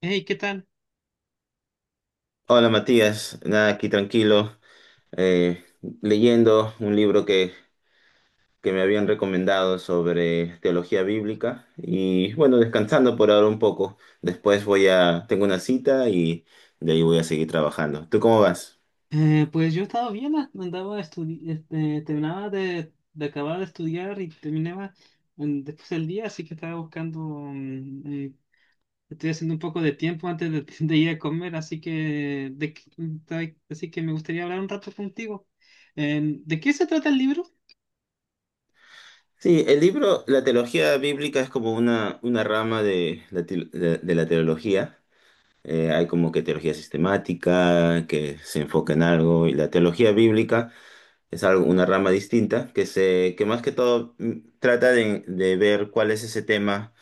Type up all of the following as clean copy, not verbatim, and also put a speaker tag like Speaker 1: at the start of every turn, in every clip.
Speaker 1: Hey, ¿qué tal?
Speaker 2: Hola Matías, nada, aquí tranquilo, eh, leyendo un libro que me habían recomendado sobre teología bíblica y bueno, descansando por ahora un poco. Después voy tengo una cita y de ahí voy a seguir trabajando. ¿Tú cómo vas?
Speaker 1: Pues yo he estado bien. Andaba terminaba de acabar de estudiar y terminaba después del día, así que estaba buscando, estoy haciendo un poco de tiempo antes de ir a comer, así que, de, qué- mm, ta- así que me gustaría hablar un rato contigo. ¿De qué se trata el libro?
Speaker 2: Sí, el libro, la teología bíblica es como una rama de de la teología. Hay como que teología sistemática, que se enfoca en algo, y la teología bíblica es algo, una rama distinta, que más que todo, trata de ver cuál es ese tema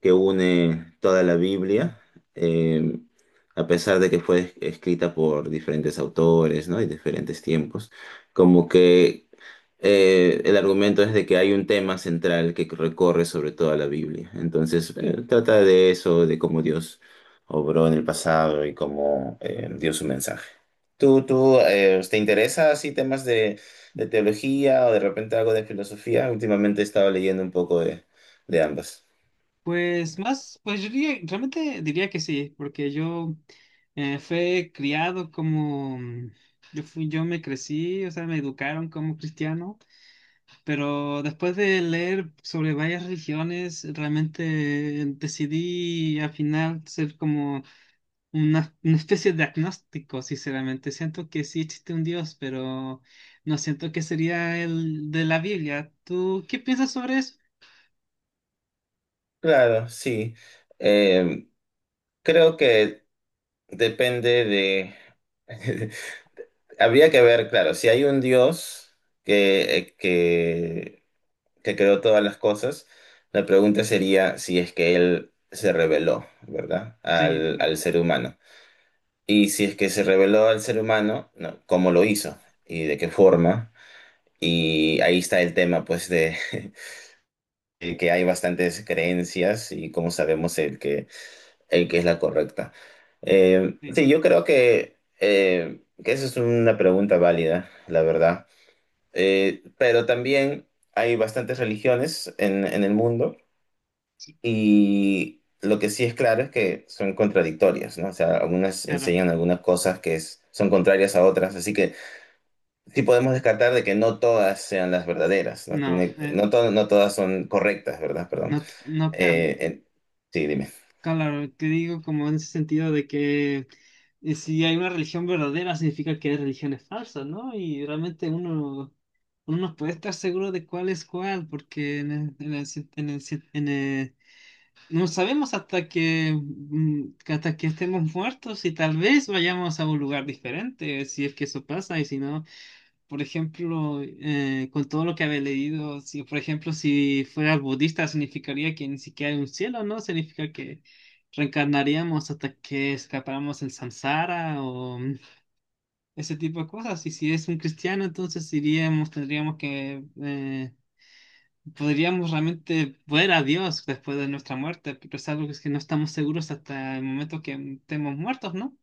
Speaker 2: que une toda la
Speaker 1: Mm.
Speaker 2: Biblia, eh, a pesar de que fue escrita por diferentes autores, ¿no? Y diferentes tiempos, como que el argumento es de que hay un tema central que recorre sobre toda la Biblia. Entonces, trata de eso, de cómo Dios obró en el pasado y cómo, dio su mensaje. ¿Tú te interesa así temas de teología o de repente algo de filosofía? Últimamente he estado leyendo un poco de ambas.
Speaker 1: Pues más, pues yo diría- Realmente diría que sí, porque yo fui criado como, yo me crecí, o sea, me educaron como cristiano, pero después de leer sobre varias religiones, realmente decidí al final ser como una especie de agnóstico, sinceramente. Siento que sí existe un Dios, pero no siento que sería el de la Biblia. ¿Tú qué piensas sobre eso?
Speaker 2: Claro, sí. Eh, Creo que depende de... Habría que ver, claro, si hay un Dios que, eh, que, que creó todas las cosas, la pregunta sería si es que Él se reveló, ¿verdad?
Speaker 1: Sí, claro,
Speaker 2: Al ser humano. Y si es que se reveló al ser humano, no, ¿cómo lo hizo? ¿Y de qué forma? Y ahí está el tema, pues, de que hay bastantes creencias y como sabemos el que es la correcta.
Speaker 1: sí,
Speaker 2: Sí, yo creo que esa es una pregunta válida, la verdad. Pero también hay bastantes religiones en el mundo
Speaker 1: sí,
Speaker 2: y lo que sí es claro es que son contradictorias, ¿no? O sea, algunas
Speaker 1: claro.
Speaker 2: enseñan algunas cosas que son contrarias a otras, así que sí podemos descartar de que no todas sean las verdaderas, ¿no?
Speaker 1: No,
Speaker 2: Tiene, no, to- No todas son correctas, ¿verdad? Perdón.
Speaker 1: no, no, ca-
Speaker 2: Eh, en- sí, dime.
Speaker 1: claro, que digo como en ese sentido de que si hay una religión verdadera significa que hay religiones falsas, ¿no? Y realmente uno no puede estar seguro de cuál es cuál, porque en el cien- en el cien- en el- no sabemos hasta que, hasta que estemos muertos y tal vez vayamos a un lugar diferente, si es que eso pasa, y si no. Por ejemplo, con todo lo que había leído, si por ejemplo, si fueras budista, significaría que ni siquiera hay un cielo, ¿no? Significa que reencarnaríamos hasta que escapáramos el samsara o ese tipo de cosas. Y si es un cristiano, entonces iríamos, tendríamos que, podríamos realmente ver a Dios después de nuestra muerte, pero es algo que es que no estamos seguros hasta el momento que estemos muertos, ¿no?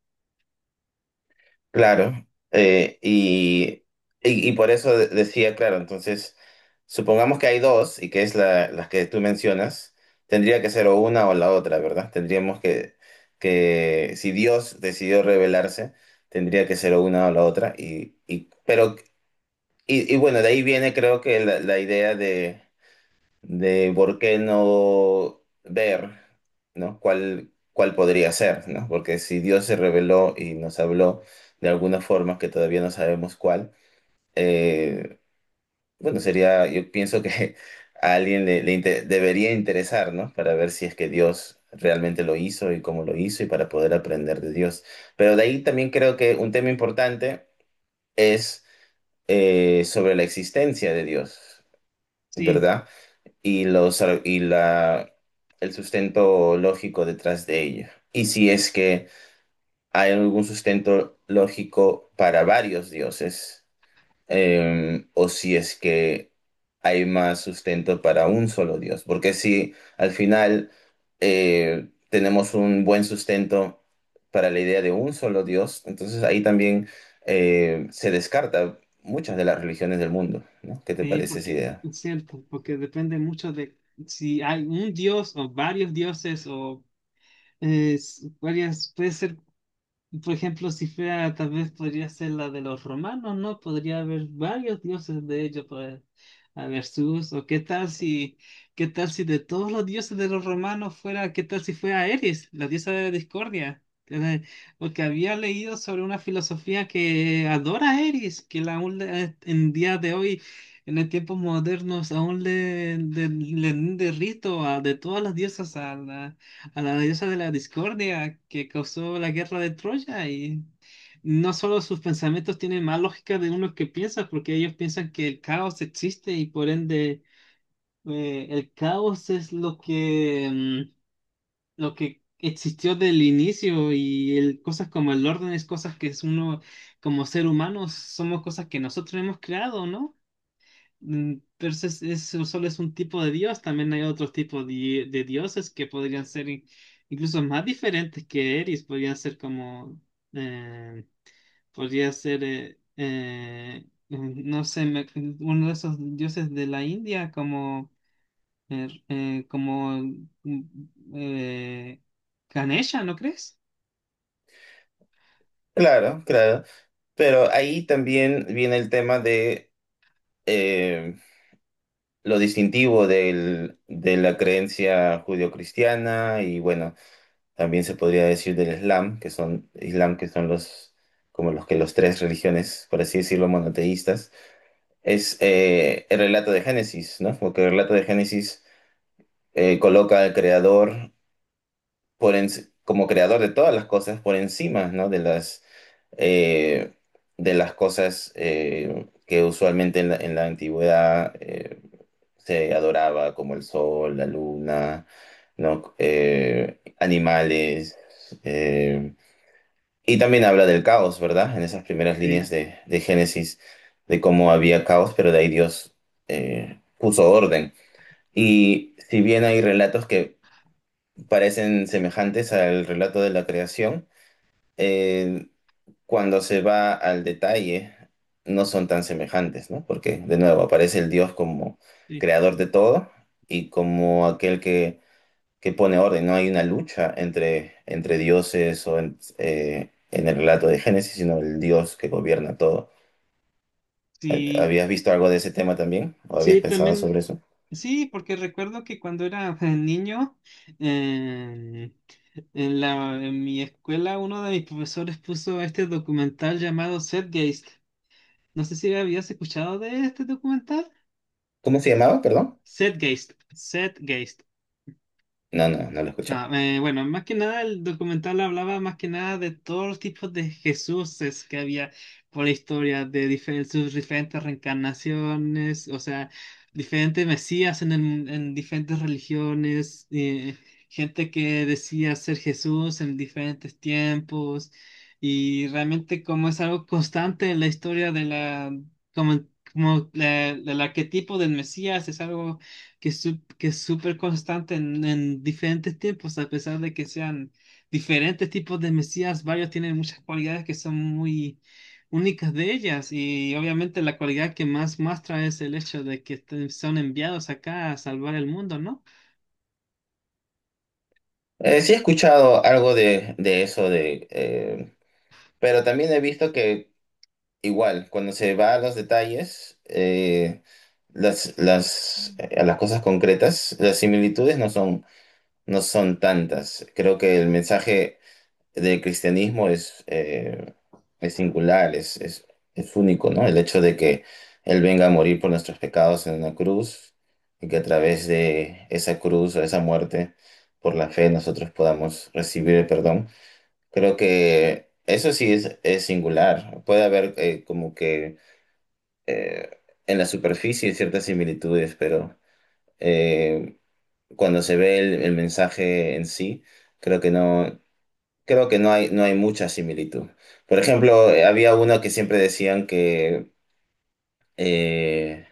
Speaker 2: Claro, eh, y, y por eso decía, claro, entonces, supongamos que hay dos y que es las que tú mencionas, tendría que ser o una o la otra, ¿verdad? Que si Dios decidió revelarse, tendría que ser o una o la otra, bueno, de ahí viene creo que la idea de por qué no ver, ¿no? ¿Cuál podría ser, ¿no? Porque si Dios se reveló y nos habló de alguna forma que todavía no sabemos cuál, eh, bueno, sería, yo pienso que a alguien debería interesar, ¿no? Para ver si es que Dios realmente lo hizo y cómo lo hizo y para poder aprender de Dios. Pero de ahí también creo que un tema importante es, sobre la existencia de Dios,
Speaker 1: Sí.
Speaker 2: ¿verdad? Y, los, ar- y la, El sustento lógico detrás de ello. Y si es que hay algún sustento lógico para varios dioses, o si es que hay más sustento para un solo dios. Porque si al final, tenemos un buen sustento para la idea de un solo dios, entonces ahí también, se descarta muchas de las religiones del mundo, ¿no? ¿Qué te
Speaker 1: Sí,
Speaker 2: parece esa
Speaker 1: porque
Speaker 2: idea?
Speaker 1: es cierto, porque depende mucho de si hay un dios o varios dioses o varias, puede ser por ejemplo, si fuera, tal vez podría ser la de los romanos, ¿no? Podría haber varios dioses de ellos, pues, a ver, Zeus, o qué tal si de todos los dioses de los romanos fuera, qué tal si fuera Eris, la diosa de la discordia. Eh, Porque había leído sobre una filosofía que adora a Eris, que la en día de hoy, en el tiempos modernos, aún le rinde rito a, de todas las diosas a la diosa de la discordia que causó la guerra de Troya, y no solo sus pensamientos tienen más lógica de uno que piensa, porque ellos piensan que el caos existe y por ende el caos es lo que, lo que existió del inicio, y el, cosas como el orden es cosas que es uno como ser humano somos cosas que nosotros hemos creado, ¿no? Mm, Entonces, eso solo es un tipo de Dios, también hay otros tipos de dioses que podrían ser incluso más diferentes que Eris, podrían ser como, eh, podría ser, no sé, uno de esos dioses de la India como, como mm, eh, Ganesha, ¿no crees?
Speaker 2: Claro, claro. Pero ahí también viene el tema de, eh, lo distintivo de la creencia judio-cristiana y bueno, también se podría decir del Islam, que son los como los que los tres religiones, por así decirlo, monoteístas, es, el relato de Génesis, ¿no? Porque el relato de Génesis, coloca al creador como creador de todas las cosas por encima, ¿no? De las, eh, cosas que usualmente en en la antigüedad, se adoraba, como el sol, la luna, ¿no? Animales. eh, y también habla del caos, ¿verdad? En esas primeras líneas
Speaker 1: Sí,
Speaker 2: de Génesis, de cómo había caos, pero de ahí Dios, puso orden. Y si bien hay relatos que parecen semejantes al relato de la creación, eh, cuando se va al detalle, no son tan semejantes, ¿no? Porque, de nuevo, aparece el Dios como
Speaker 1: sí,
Speaker 2: creador de todo y como aquel que pone orden. No hay una lucha entre dioses en el relato de Génesis, sino el Dios que gobierna todo.
Speaker 1: sí,
Speaker 2: ¿Habías visto algo de ese tema también? ¿O habías
Speaker 1: sí,
Speaker 2: pensado
Speaker 1: también.
Speaker 2: sobre eso?
Speaker 1: Sí, porque recuerdo que cuando era niño, eh, en mi escuela uno de mis profesores puso este documental llamado Setgeist. No sé si habías escuchado de este documental.
Speaker 2: ¿Cómo se llamaba? Perdón.
Speaker 1: Setgeist, Setgeist.
Speaker 2: No, no, no lo escuchaba.
Speaker 1: No, bueno, más que nada el documental hablaba más que nada de todos los tipos de Jesuses que había por la historia, de sus diferentes reencarnaciones, o sea, diferentes mesías en, en diferentes religiones, gente que decía ser Jesús en diferentes tiempos, y realmente como es algo constante en la historia de la, como, como el arquetipo del mesías, es algo que, es súper constante en diferentes tiempos, a pesar de que sean diferentes tipos de Mesías, varios tienen muchas cualidades que son muy únicas de ellas, y obviamente la cualidad que más muestra es el hecho de que son enviados acá a salvar el mundo, ¿no?
Speaker 2: Sí he escuchado algo pero también he visto que, igual, cuando se va a los detalles, a las cosas concretas, las similitudes no son, no son tantas. Creo que el mensaje del cristianismo es singular, es único, ¿no? El hecho de que Él venga a morir por nuestros pecados en una cruz y que a través de esa cruz o esa muerte, por la fe, nosotros podamos recibir el perdón. Creo que eso sí es singular. Puede haber, como que eh, en la superficie ciertas similitudes, pero, eh, cuando se ve el mensaje en sí, creo que no, creo que no hay, no hay mucha similitud. Por ejemplo, había uno que siempre decían que eh,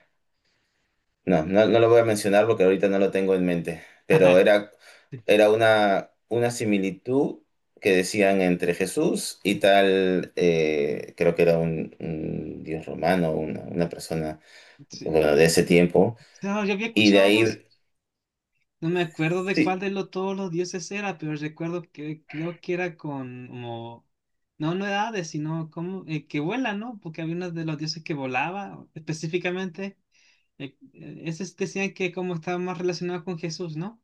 Speaker 2: no, no, no lo voy a mencionar porque ahorita no lo tengo en mente, era una similitud que decían entre Jesús y tal, creo que era un dios romano, una persona
Speaker 1: Sí.
Speaker 2: bueno, de ese tiempo.
Speaker 1: No, yo había
Speaker 2: Y de
Speaker 1: escuchado algo.
Speaker 2: ahí,
Speaker 1: No me acuerdo de cuál
Speaker 2: sí,
Speaker 1: de lo, todos los dioses era, pero recuerdo que creo que era con como, no, no era Hades, sino como que vuela, ¿no? Porque había uno de los dioses que volaba específicamente. Esos decían que como estaba más relacionado con Jesús, ¿no?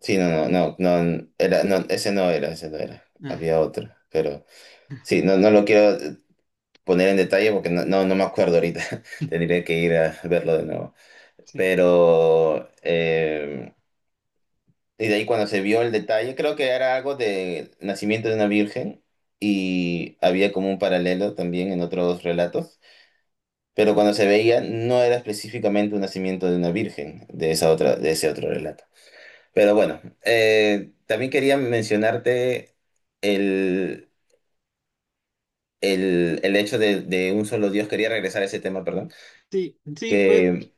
Speaker 2: sí, no, no, no, no, era, no, ese no era,
Speaker 1: Ah,
Speaker 2: había otro, pero sí, no, no lo quiero poner en detalle porque no me acuerdo ahorita, tendría que ir a verlo de nuevo,
Speaker 1: sí.
Speaker 2: pero, y de ahí cuando se vio el detalle, creo que era algo de nacimiento de una virgen y había como un paralelo también en otros relatos, pero cuando se veía no era específicamente un nacimiento de una virgen de esa otra, de ese otro relato. Pero bueno, también quería mencionarte el, el hecho de un solo Dios. Quería regresar a ese tema, perdón.
Speaker 1: Sí, sí, pues
Speaker 2: Que,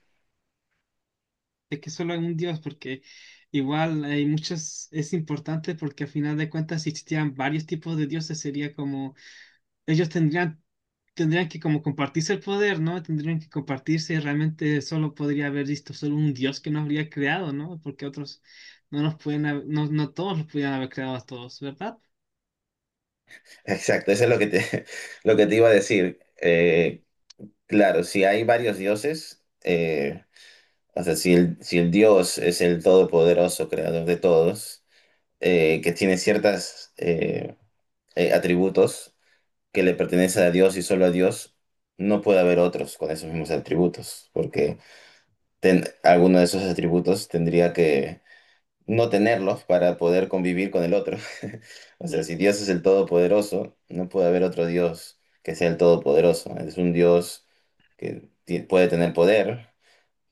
Speaker 1: es que solo hay un dios, porque igual hay muchos, es importante porque al final de cuentas si existían varios tipos de dioses, sería como ellos tendrían, tendrían que como compartirse el poder, ¿no? Tendrían que compartirse y realmente solo podría haber visto solo un dios que nos habría creado, ¿no? Porque otros no nos pueden, no, no todos los pudieran haber creado a todos, ¿verdad?
Speaker 2: exacto, eso es lo que te, lo que te iba a decir. Claro, si hay varios dioses, o sea, si el Dios es el todopoderoso, creador de todos, que tiene ciertos atributos que le pertenecen a Dios y solo a Dios, no puede haber otros con esos mismos atributos, porque alguno de esos atributos tendría que no tenerlos para poder convivir con el otro. O sea,
Speaker 1: Claro.
Speaker 2: si Dios es el todopoderoso, no puede haber otro Dios que sea el todopoderoso. Es un Dios puede tener poder,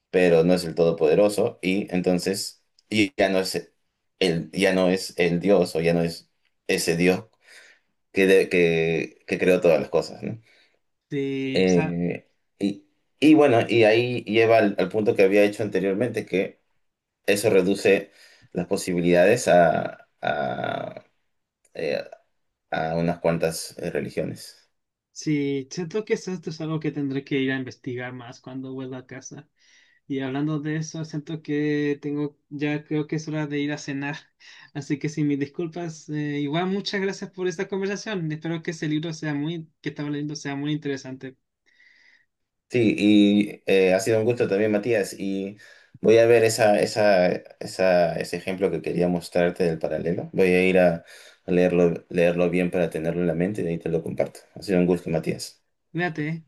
Speaker 2: pero no es el todopoderoso, y entonces y ya no es ya no es el Dios o ya no es ese Dios que creó todas las cosas, ¿no?
Speaker 1: Sí, o sea,
Speaker 2: Eh, y, y bueno, y ahí lleva al al punto que había hecho anteriormente, que eso reduce las posibilidades eh, a unas cuantas religiones.
Speaker 1: sí, siento que esto es algo que tendré que ir a investigar más cuando vuelva a casa. Y hablando de eso, siento que tengo, ya creo que es hora de ir a cenar. Así que sin mis disculpas, igual muchas gracias por esta conversación. Espero que ese libro sea muy, que estaba leyendo sea muy interesante.
Speaker 2: Sí, y ha sido un gusto también, Matías, y voy a ver ese ejemplo que quería mostrarte del paralelo. Voy a ir a leerlo bien para tenerlo en la mente y de ahí te lo comparto. Ha sido un gusto, Matías.
Speaker 1: Cuídate, ¿eh?